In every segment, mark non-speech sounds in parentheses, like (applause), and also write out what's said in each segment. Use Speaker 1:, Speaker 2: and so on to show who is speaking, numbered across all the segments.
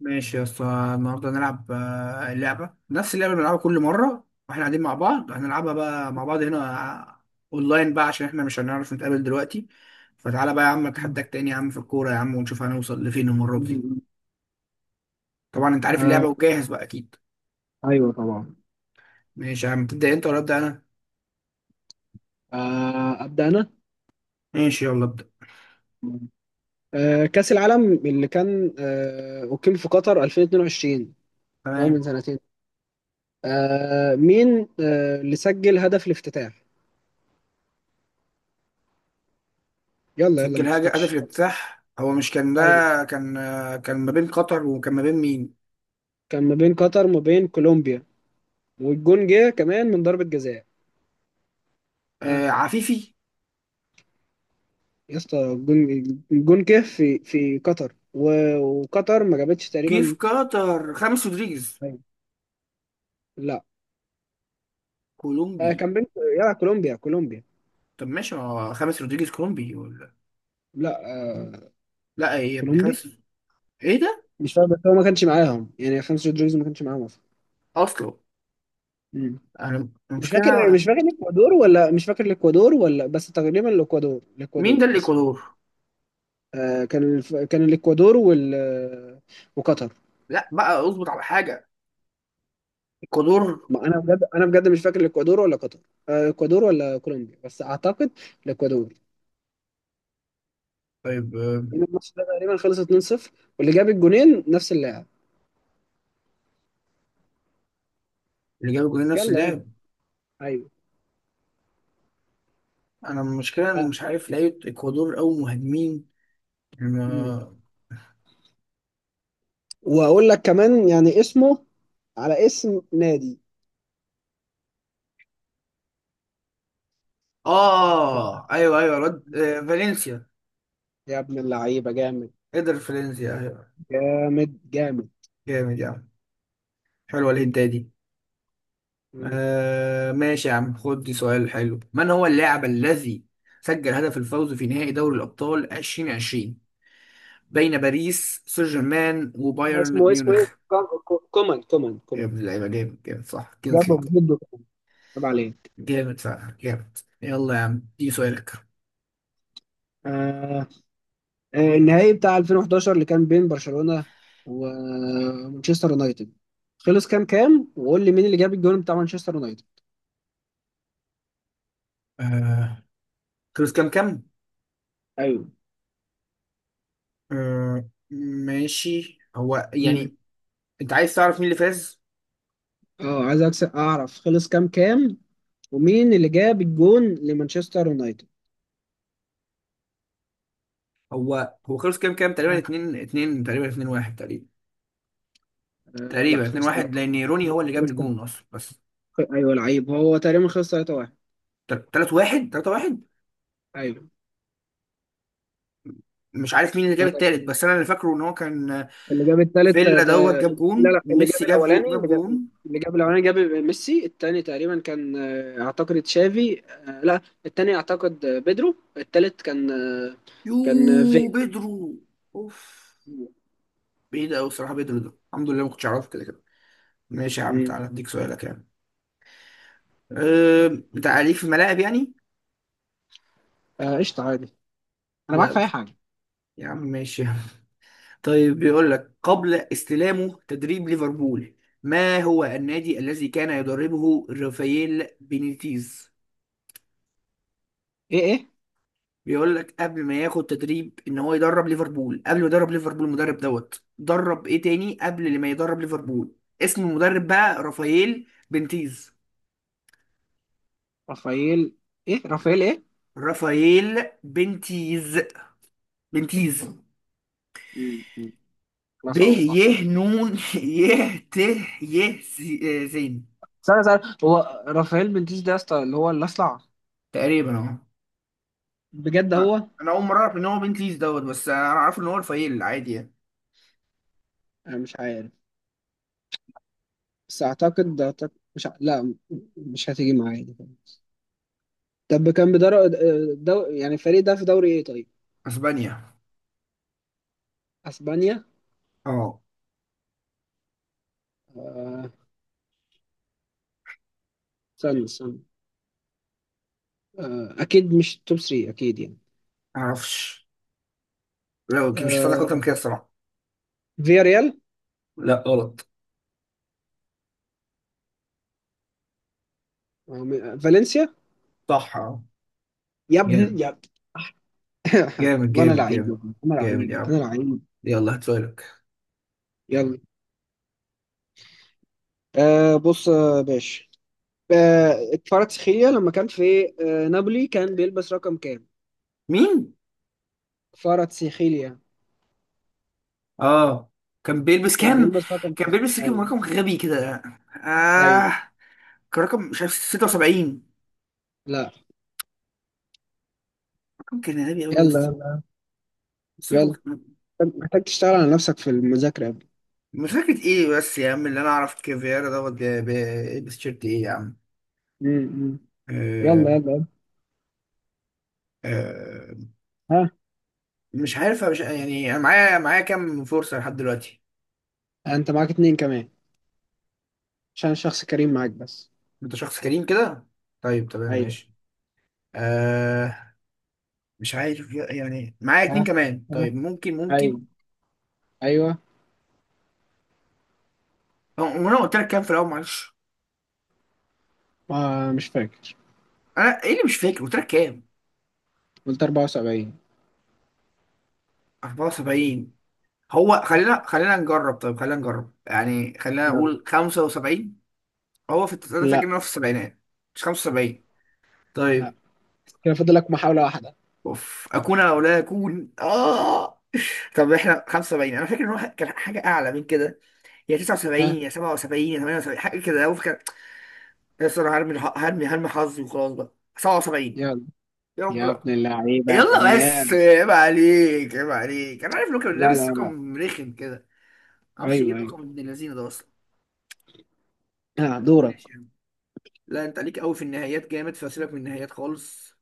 Speaker 1: ماشي يا اسطى. النهارده هنلعب اللعبة، نفس اللعبة اللي بنلعبها كل مرة واحنا قاعدين مع بعض، هنلعبها بقى مع بعض هنا، آه، اونلاين بقى عشان احنا مش هنعرف نتقابل دلوقتي. فتعالى بقى يا عم، اتحداك تاني يا عم في الكورة يا عم، ونشوف هنوصل لفين المرة دي.
Speaker 2: مم.
Speaker 1: طبعا انت عارف اللعبة
Speaker 2: آه،
Speaker 1: وجاهز بقى اكيد.
Speaker 2: ايوه طبعا.
Speaker 1: ماشي يا عم، تبدأ انت ولا ابدأ انا؟
Speaker 2: ابدا انا.
Speaker 1: ماشي، يلا ابدأ.
Speaker 2: كأس العالم اللي كان أقيم في قطر 2022، اللي هو
Speaker 1: تمام.
Speaker 2: من سنتين. مين اللي سجل هدف الافتتاح؟ يلا يلا،
Speaker 1: سجل
Speaker 2: ما
Speaker 1: هدف
Speaker 2: تسكتش.
Speaker 1: الافتتاح، هو مش كان ده؟
Speaker 2: ايوه.
Speaker 1: كان ما بين قطر وكان ما بين مين؟
Speaker 2: كان ما بين قطر وما بين كولومبيا، والجون جه كمان من ضربة جزاء. ها،
Speaker 1: عفيفي.
Speaker 2: يا اسطى الجون. الجون جه في قطر، وقطر ما جابتش
Speaker 1: جه في
Speaker 2: تقريبا.
Speaker 1: قطر خامس رودريجيز،
Speaker 2: أيوة. لا،
Speaker 1: كولومبي.
Speaker 2: كان بين. يلا كولومبيا كولومبيا.
Speaker 1: طب ماشي، ما هو خامس رودريجيز كولومبي ولا؟
Speaker 2: لا،
Speaker 1: لا، ايه يا ابني
Speaker 2: كولومبيا.
Speaker 1: خامس؟ ايه ده؟
Speaker 2: مش فاهم، بس هو ما كانش معاهم يعني خمسة رودريجز ما كانش معاهم اصلا.
Speaker 1: اصله.
Speaker 2: مم.
Speaker 1: انا
Speaker 2: مش
Speaker 1: المشكله
Speaker 2: فاكر مش
Speaker 1: أنا-
Speaker 2: فاكر الاكوادور ولا، مش فاكر الاكوادور ولا، بس تقريبا الاكوادور
Speaker 1: مين
Speaker 2: الاكوادور،
Speaker 1: ده
Speaker 2: اسف.
Speaker 1: الاكوادور؟
Speaker 2: كان الاكوادور وال، وقطر.
Speaker 1: لا بقى، اظبط على حاجه. الاكوادور.
Speaker 2: ما انا بجد، انا بجد مش فاكر الاكوادور ولا قطر. الاكوادور ولا كولومبيا، بس اعتقد الاكوادور.
Speaker 1: طيب.
Speaker 2: لأن الماتش ده تقريبا خلص 2-0، واللي جاب الجونين نفس اللاعب.
Speaker 1: اللي جاب جولين نفس
Speaker 2: يلا يلا.
Speaker 1: اللاعب.
Speaker 2: ايوه.
Speaker 1: انا المشكله، انا
Speaker 2: آه.
Speaker 1: مش عارف لعيبه الاكوادور او مهاجمين.
Speaker 2: مم.
Speaker 1: ما-
Speaker 2: واقول لك كمان يعني اسمه على اسم نادي.
Speaker 1: اه، ايوه ايوه، الواد فالنسيا.
Speaker 2: يا ابن اللعيبه، جامد
Speaker 1: قدر فالنسيا، ايوه.
Speaker 2: جامد جامد.
Speaker 1: جامد يعني. حلوه الهنتايه دي.
Speaker 2: مم.
Speaker 1: ماشي يا عم، خد دي سؤال حلو. من هو اللاعب الذي سجل هدف الفوز في نهائي دوري الأبطال 2020 بين باريس سان جيرمان
Speaker 2: اسمه
Speaker 1: وبايرن
Speaker 2: اسمه ايه؟
Speaker 1: ميونخ؟
Speaker 2: كومان كومان
Speaker 1: يا
Speaker 2: كومان.
Speaker 1: ابن اللعيبة، جامد جامد، صح
Speaker 2: جابه
Speaker 1: كينسلي.
Speaker 2: بجد، وكومان. طب عليك.
Speaker 1: جامد فعلا، جامد. يلا يا عم، دي سؤالك.
Speaker 2: آه. النهائي بتاع 2011 اللي كان بين برشلونة ومانشستر يونايتد، خلص كام كام؟ وقول لي مين اللي جاب الجون بتاع مانشستر يونايتد.
Speaker 1: آه، خلص كام كام.
Speaker 2: ايوه.
Speaker 1: آه، ماشي. هو
Speaker 2: مم.
Speaker 1: يعني، انت عايز تعرف مين اللي فاز؟
Speaker 2: اه، عايز اعرف خلص كام كام، ومين اللي جاب الجون لمانشستر يونايتد.
Speaker 1: هو خلص كام كام؟ تقريبا
Speaker 2: ها.
Speaker 1: 2 2، تقريبا 2 1، تقريبا.
Speaker 2: آه لا،
Speaker 1: تقريبا 2
Speaker 2: خلص
Speaker 1: 1
Speaker 2: 3.
Speaker 1: لان روني هو اللي جاب
Speaker 2: خلص 3.
Speaker 1: الجون اصلا، بس.
Speaker 2: ايوه، لعيب. هو تقريبا خلص 3-1.
Speaker 1: 3 1، 3 1.
Speaker 2: ايوه.
Speaker 1: مش عارف مين اللي جاب
Speaker 2: هو
Speaker 1: التالت،
Speaker 2: تقريبا
Speaker 1: بس انا اللي فاكره ان هو كان.
Speaker 2: اللي جاب التالت
Speaker 1: فيلا دوت جاب
Speaker 2: لا
Speaker 1: جون،
Speaker 2: لا، اللي جاب
Speaker 1: وميسي
Speaker 2: الاولاني،
Speaker 1: جاب جون.
Speaker 2: اللي جاب الاولاني جاب ميسي. التاني تقريبا كان اعتقد تشافي. لا، التاني اعتقد بيدرو. التالت كان في.
Speaker 1: بيدرو. اوف. بعيد قوي الصراحه بيدرو ده، الحمد لله ما كنتش اعرفه كده كده. ماشي يا عم،
Speaker 2: مم.
Speaker 1: تعالى اديك سؤالك يعني. أه بتاع ليك في الملاعب يعني.
Speaker 2: قشطة عادي، انا معاك
Speaker 1: لا
Speaker 2: في اي
Speaker 1: مش.
Speaker 2: حاجة.
Speaker 1: يا عم ماشي (laughs) يا عم. طيب بيقول لك قبل استلامه تدريب ليفربول، ما هو النادي الذي كان يدربه رافائيل بينيتيز؟
Speaker 2: ايه ايه؟
Speaker 1: بيقول لك قبل ما ياخد تدريب ان هو يدرب ليفربول، قبل ما يدرب ليفربول المدرب دوت، درب ايه تاني قبل ما يدرب ليفربول؟ اسم المدرب بقى رافائيل بنتيز.
Speaker 2: رافائيل ايه؟ رافائيل ايه؟
Speaker 1: رافائيل بنتيز. بنتيز.
Speaker 2: مم، مم.
Speaker 1: ب،
Speaker 2: خلاص اهو
Speaker 1: ي،
Speaker 2: رافائيل.
Speaker 1: نون (laughs) ي، ت، ي، زين.
Speaker 2: استنى استنى، هو رافائيل بنتيس ده يا اسطى اللي هو اللي اصلع؟
Speaker 1: تقريبا اهو.
Speaker 2: بجد هو؟
Speaker 1: انا اول مره اعرف ان هو بنتيز دوت، بس انا عارف ان هو رافائيل عادي يعني.
Speaker 2: انا مش عارف، بس اعتقد اعتقد مش ع... لا، مش هتيجي معايا دي. طب كان يعني الفريق ده في دوري ايه طيب؟
Speaker 1: اسبانيا.
Speaker 2: اسبانيا؟
Speaker 1: اه.
Speaker 2: آه، استنى استنى. اكيد مش توب 3 اكيد يعني.
Speaker 1: معرفش. لو مش هساعدك
Speaker 2: آه،
Speaker 1: اكتر من كده الصراحه.
Speaker 2: فيا ريال.
Speaker 1: لا غلط.
Speaker 2: فالنسيا.
Speaker 1: صح، اه.
Speaker 2: يا
Speaker 1: جامد.
Speaker 2: ابن يا. أها.
Speaker 1: جامد
Speaker 2: والله انا
Speaker 1: جامد
Speaker 2: لعيب يا
Speaker 1: جامد.
Speaker 2: ابني، انا
Speaker 1: جامد
Speaker 2: لعيب،
Speaker 1: يا
Speaker 2: انا
Speaker 1: عم.
Speaker 2: لعيب.
Speaker 1: يلا هات سؤالك.
Speaker 2: يلا. بص يا باشا. كفاراتسخيليا لما كان في نابولي، كان بيلبس رقم كام؟
Speaker 1: مين؟
Speaker 2: كفاراتسخيليا
Speaker 1: اه. كان بيلبس
Speaker 2: كان
Speaker 1: كام؟
Speaker 2: بيلبس رقم
Speaker 1: كان
Speaker 2: كام؟
Speaker 1: بيلبس كام؟
Speaker 2: ايوه.
Speaker 1: رقم غبي كده. اه.
Speaker 2: ايوه.
Speaker 1: كان رقم مش عارف 76.
Speaker 2: لا.
Speaker 1: رقم كان غبي قوي يا
Speaker 2: يلا
Speaker 1: اسطى.
Speaker 2: يلا
Speaker 1: بس رقم
Speaker 2: يلا.
Speaker 1: كان-
Speaker 2: محتاج تشتغل على نفسك في المذاكرة يا ابني.
Speaker 1: مش فاكر ايه بس يا عم. اللي انا اعرف كافيارا دوت بيلبس تيشيرت ايه يا عم.
Speaker 2: مم، مم. يلا
Speaker 1: آه
Speaker 2: يلا يلا.
Speaker 1: آه
Speaker 2: ها.
Speaker 1: مش عارف، مش يعني. انا معايا كام فرصة لحد دلوقتي؟
Speaker 2: انت معاك اتنين كمان، عشان شخص كريم معاك بس.
Speaker 1: انت شخص كريم كده؟ طيب تمام
Speaker 2: ايوه.
Speaker 1: ماشي. آه مش عارف يعني. معايا اتنين
Speaker 2: ها.
Speaker 1: كمان طيب،
Speaker 2: ها.
Speaker 1: ممكن،
Speaker 2: ايوه.
Speaker 1: ممكن.
Speaker 2: ايوه.
Speaker 1: هو انا قلت لك كام في الاول معلش.
Speaker 2: مش فاكر.
Speaker 1: انا ايه اللي مش فاكر، قلت لك كام؟
Speaker 2: قلت 74.
Speaker 1: 74. هو خلينا نجرب، طيب خلينا نجرب يعني، خلينا
Speaker 2: يلا.
Speaker 1: نقول 75. هو انا فاكر
Speaker 2: لا
Speaker 1: ان هو في السبعينات، مش 75.
Speaker 2: لا،
Speaker 1: طيب.
Speaker 2: كده فاضل لك محاولة واحدة.
Speaker 1: اوف، اكون او لا اكون اه. طب احنا 75، انا فاكر ان هو كان حاجه اعلى من كده. يا 79
Speaker 2: ها.
Speaker 1: يا 77 يا 78، حاجه كده هو فاكر. يا أسطى انا هرمي هرمي حظي وخلاص بقى. 77.
Speaker 2: يلا.
Speaker 1: يا رب
Speaker 2: يا
Speaker 1: لا.
Speaker 2: ابن اللعيبة يا
Speaker 1: يلا بس،
Speaker 2: فنان.
Speaker 1: عيب عليك عيب عليك، انا عارف رقم
Speaker 2: لا لا
Speaker 1: لابس
Speaker 2: لا.
Speaker 1: رقم رخم كده. معرفش ايه
Speaker 2: ايوه ايوه.
Speaker 1: الرقم ابن اللذينه ده اصلا.
Speaker 2: ها دورك.
Speaker 1: ماشي يا عم. لا انت ليك قوي في النهايات جامد، فسيبك من النهايات خالص.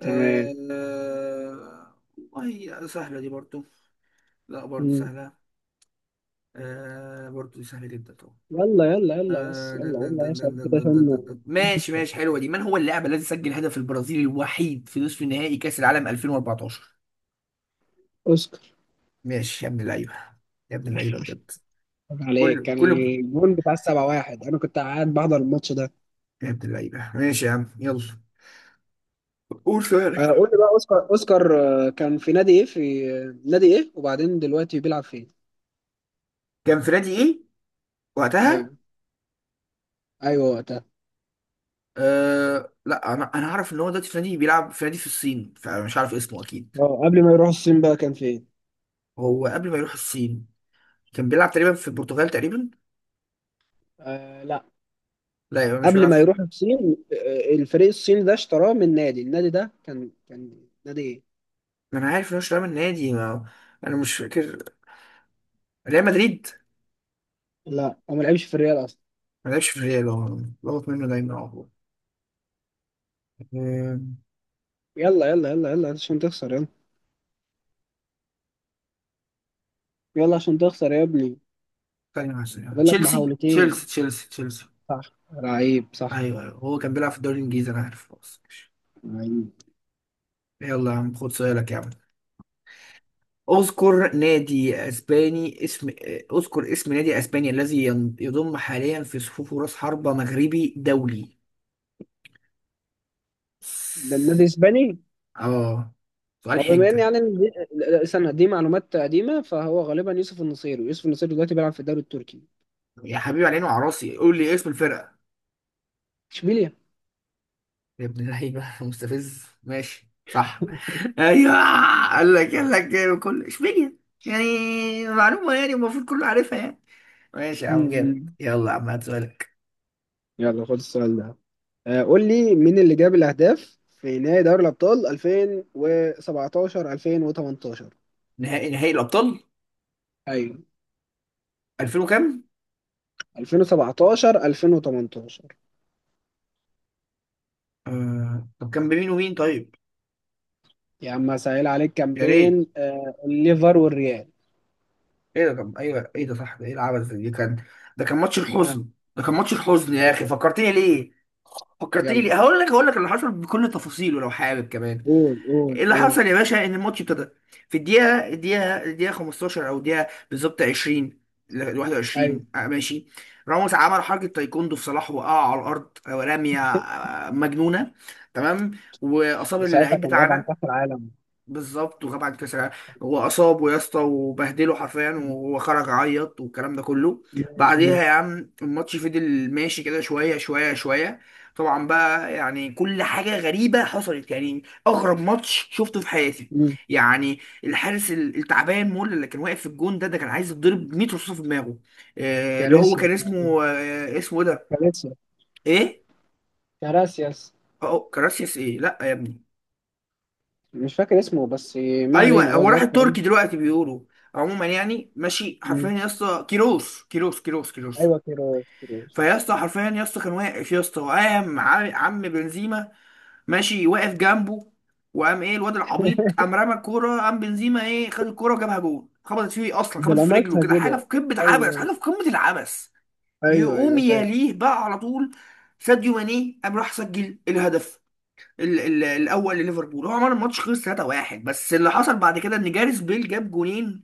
Speaker 2: تمام.
Speaker 1: آه... والله سهله دي برضو. لا، برضو
Speaker 2: مم.
Speaker 1: سهله. برضو دي سهله جدا طبعا.
Speaker 2: يلا يلا يلا، بس
Speaker 1: دن
Speaker 2: يلا
Speaker 1: دن
Speaker 2: قلنا يا
Speaker 1: دن
Speaker 2: شباب
Speaker 1: دن دن
Speaker 2: كده
Speaker 1: دن دن
Speaker 2: عشان.
Speaker 1: دن دن. ماشي ماشي، حلوه دي. من هو اللاعب الذي سجل هدف البرازيل الوحيد في نصف نهائي كاس العالم 2014؟
Speaker 2: اوسكار.
Speaker 1: ماشي يا ابن اللعيبه. يا ابن اللعيبه بجد.
Speaker 2: عيب عليك،
Speaker 1: كله
Speaker 2: كان
Speaker 1: كله.
Speaker 2: الجون بتاع السبعة واحد، انا كنت قاعد بحضر الماتش ده.
Speaker 1: يا ابن اللعيبة، ماشي يا عم يلا. قول سؤالك.
Speaker 2: قول لي بقى، اوسكار اوسكار كان في نادي ايه؟ في آه، نادي ايه؟ وبعدين دلوقتي بيلعب فين؟
Speaker 1: كان فرادي ايه؟ وقتها.
Speaker 2: ايوه. ايوه وقتها.
Speaker 1: لا، انا عارف ان هو دلوقتي فرادي بيلعب فرادي في الصين، فمش عارف اسمه اكيد.
Speaker 2: اه، قبل ما يروح الصين بقى كان فين؟
Speaker 1: هو قبل ما يروح الصين كان بيلعب تقريبا في البرتغال، تقريبا.
Speaker 2: آه لا.
Speaker 1: لا، يبقى مش
Speaker 2: قبل
Speaker 1: بيلعب
Speaker 2: ما
Speaker 1: في...
Speaker 2: يروح الصين، الفريق الصيني ده اشتراه من نادي، النادي ده كان نادي ايه؟
Speaker 1: ما انا عارف ان هو مش لاعب النادي ما... انا مش فاكر. ريال مدريد.
Speaker 2: لا، هو ما لعبش في الريال اصلا.
Speaker 1: ما لعبش في الريال هو. بغلط منه دايما على طول. آه،
Speaker 2: يلا يلا يلا يلا عشان تخسر يلا. يلا عشان تخسر يا ابني.
Speaker 1: ثانية واحدة، ثانية واحدة.
Speaker 2: فاضل لك
Speaker 1: تشيلسي
Speaker 2: محاولتين.
Speaker 1: تشيلسي تشيلسي تشيلسي.
Speaker 2: صح. لعيب صح.
Speaker 1: ايوه ايوه، هو كان بيلعب في الدوري الانجليزي، انا عارف خلاص ماشي.
Speaker 2: لعيب.
Speaker 1: يلا يا عم خد سؤالك يا عم. اذكر نادي اسباني اسم. اذكر اسم نادي اسباني الذي يضم حاليا في صفوفه راس حربة مغربي دولي.
Speaker 2: ده النادي اسباني؟
Speaker 1: اه. سؤال
Speaker 2: هو بما ان
Speaker 1: حنكة.
Speaker 2: يعني إن دي، لا، استنى، دي معلومات قديمه، فهو غالبا يوسف النصيري، ويوسف النصيري دلوقتي بيلعب في الدوري التركي.
Speaker 1: يا حبيبي على عيني وعلى راسي، قول لي اسم الفرقة.
Speaker 2: اشبيليا.
Speaker 1: يا ابن اللعيبة (laughs) مستفز، ماشي صح. (laughs) ايوه. قال لك كل اشبيليه يعني. معلومة يعني، المفروض كله عارفها يعني. ماشي يا عم جامد،
Speaker 2: امم
Speaker 1: يلا يا عم هات سؤالك.
Speaker 2: يلا خد السؤال ده. قول لي مين اللي جاب الاهداف في نهائي دوري الابطال 2017 2018.
Speaker 1: نهائي الابطال
Speaker 2: ايوه،
Speaker 1: 2000 وكام؟
Speaker 2: 2017 2018.
Speaker 1: طب كان بمين ومين طيب؟
Speaker 2: يا عم سهل عليك، كام
Speaker 1: يا ريت.
Speaker 2: بين الليفر والريال.
Speaker 1: ايه ده؟ طب ايوه ايه ده، صح ده، ايه العبث ده؟ دي كان. ده كان ماتش
Speaker 2: آه،
Speaker 1: الحزن. ده كان ماتش الحزن يا
Speaker 2: ايوه.
Speaker 1: اخي، فكرتني ليه. فكرتني
Speaker 2: يلا،
Speaker 1: ليه، هقول لك اللي حصل بكل تفاصيله لو حابب كمان.
Speaker 2: قول قول
Speaker 1: اللي
Speaker 2: قول.
Speaker 1: حصل يا باشا ان الماتش ابتدى في الدقيقه 15 او الدقيقه بالظبط 20 ل
Speaker 2: ايوه،
Speaker 1: 21. ماشي. راموس عمل حركه تايكوندو في صلاح، وقع على الارض، رميه مجنونه. تمام. واصاب
Speaker 2: وساعتها
Speaker 1: اللعيب
Speaker 2: كان غاب عن
Speaker 1: بتاعنا.
Speaker 2: كاس العالم.
Speaker 1: بالظبط، وغاب عن كاس العالم. هو اصابه يا اسطى وبهدله حرفيا،
Speaker 2: مم.
Speaker 1: وهو خرج عيط والكلام ده كله.
Speaker 2: مم.
Speaker 1: بعديها يا عم، الماتش فضل ماشي كده شويه شويه شويه. طبعا بقى يعني، كل حاجه غريبه حصلت، يعني اغرب ماتش شفته في حياتي.
Speaker 2: مم.
Speaker 1: يعني الحارس التعبان مول اللي كان واقف في الجون ده كان عايز يتضرب 100 رصاصه في دماغه. اللي هو
Speaker 2: كارثيا
Speaker 1: كان اسمه إيه ده؟
Speaker 2: كاراسيا
Speaker 1: ايه.
Speaker 2: كاراسياس.
Speaker 1: اه كراسياس ايه، لا يا ابني.
Speaker 2: مش فاكر اسمه بس. ما علينا،
Speaker 1: ايوه،
Speaker 2: هو
Speaker 1: هو راح
Speaker 2: دلوقتي
Speaker 1: التركي
Speaker 2: تقريباً-
Speaker 1: دلوقتي بيقولوا. عموما يعني، ماشي حرفيا
Speaker 2: مم.
Speaker 1: يا اسطى. كيروس كيروس كيروس كيروس.
Speaker 2: ايوه كيروس كيروس.
Speaker 1: فيا اسطى حرفيا يا اسطى، كان واقف يا اسطى، وقام عم بنزيما. ماشي واقف جنبه. وقام ايه الواد العبيط، قام رمى الكوره. قام بنزيما ايه خد الكوره وجابها جول، خبطت فيه اصلا،
Speaker 2: ده
Speaker 1: خبطت
Speaker 2: اللي
Speaker 1: في رجله
Speaker 2: عملتها
Speaker 1: كده. حاجه في
Speaker 2: كده.
Speaker 1: قمه عبث،
Speaker 2: ايوه.
Speaker 1: حاجه في قمه العبث.
Speaker 2: ايوه
Speaker 1: يقوم
Speaker 2: ايوه فاكر.
Speaker 1: يليه بقى على طول. ساديو ماني قام راح سجل الهدف ال ال الاول لليفربول. هو عمل الماتش خلص 3-1، بس اللي حصل بعد كده ان جاريث بيل جاب جونين.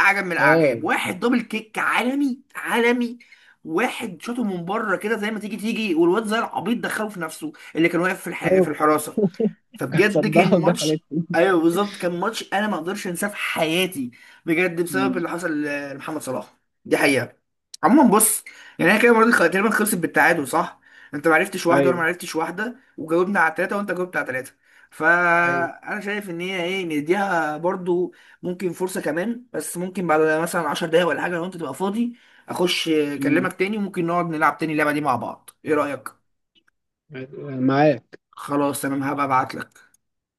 Speaker 1: اعجب من
Speaker 2: اه
Speaker 1: الاعجاب. واحد دبل كيك عالمي عالمي. واحد شاطه من بره كده زي ما تيجي تيجي، والواد زي العبيط دخله في نفسه اللي كان واقف في
Speaker 2: ايوه.
Speaker 1: الحراسه.
Speaker 2: (laughs) كانت
Speaker 1: فبجد كان
Speaker 2: صدها ودخلت.
Speaker 1: ماتش. ايوه بالظبط، كان ماتش انا ما اقدرش انساه في حياتي بجد، بسبب اللي
Speaker 2: مم.
Speaker 1: حصل لمحمد صلاح. دي حقيقه. عموما بص، يعني احنا كده المره دي تقريبا خلصت بالتعادل صح؟ انت ما عرفتش واحده، وانا ما
Speaker 2: ايوه
Speaker 1: عرفتش واحده، وجاوبنا على ثلاثه، وانت جاوبت على ثلاثه.
Speaker 2: ايوه.
Speaker 1: فانا شايف ان هي ايه، نديها برضو ممكن فرصه كمان بس، ممكن بعد مثلا 10 دقايق ولا حاجه لو انت تبقى فاضي اخش
Speaker 2: مم.
Speaker 1: اكلمك تاني، وممكن نقعد نلعب تاني اللعبه دي مع بعض، ايه رايك؟
Speaker 2: معاك.
Speaker 1: خلاص تمام، هبقى ابعت لك.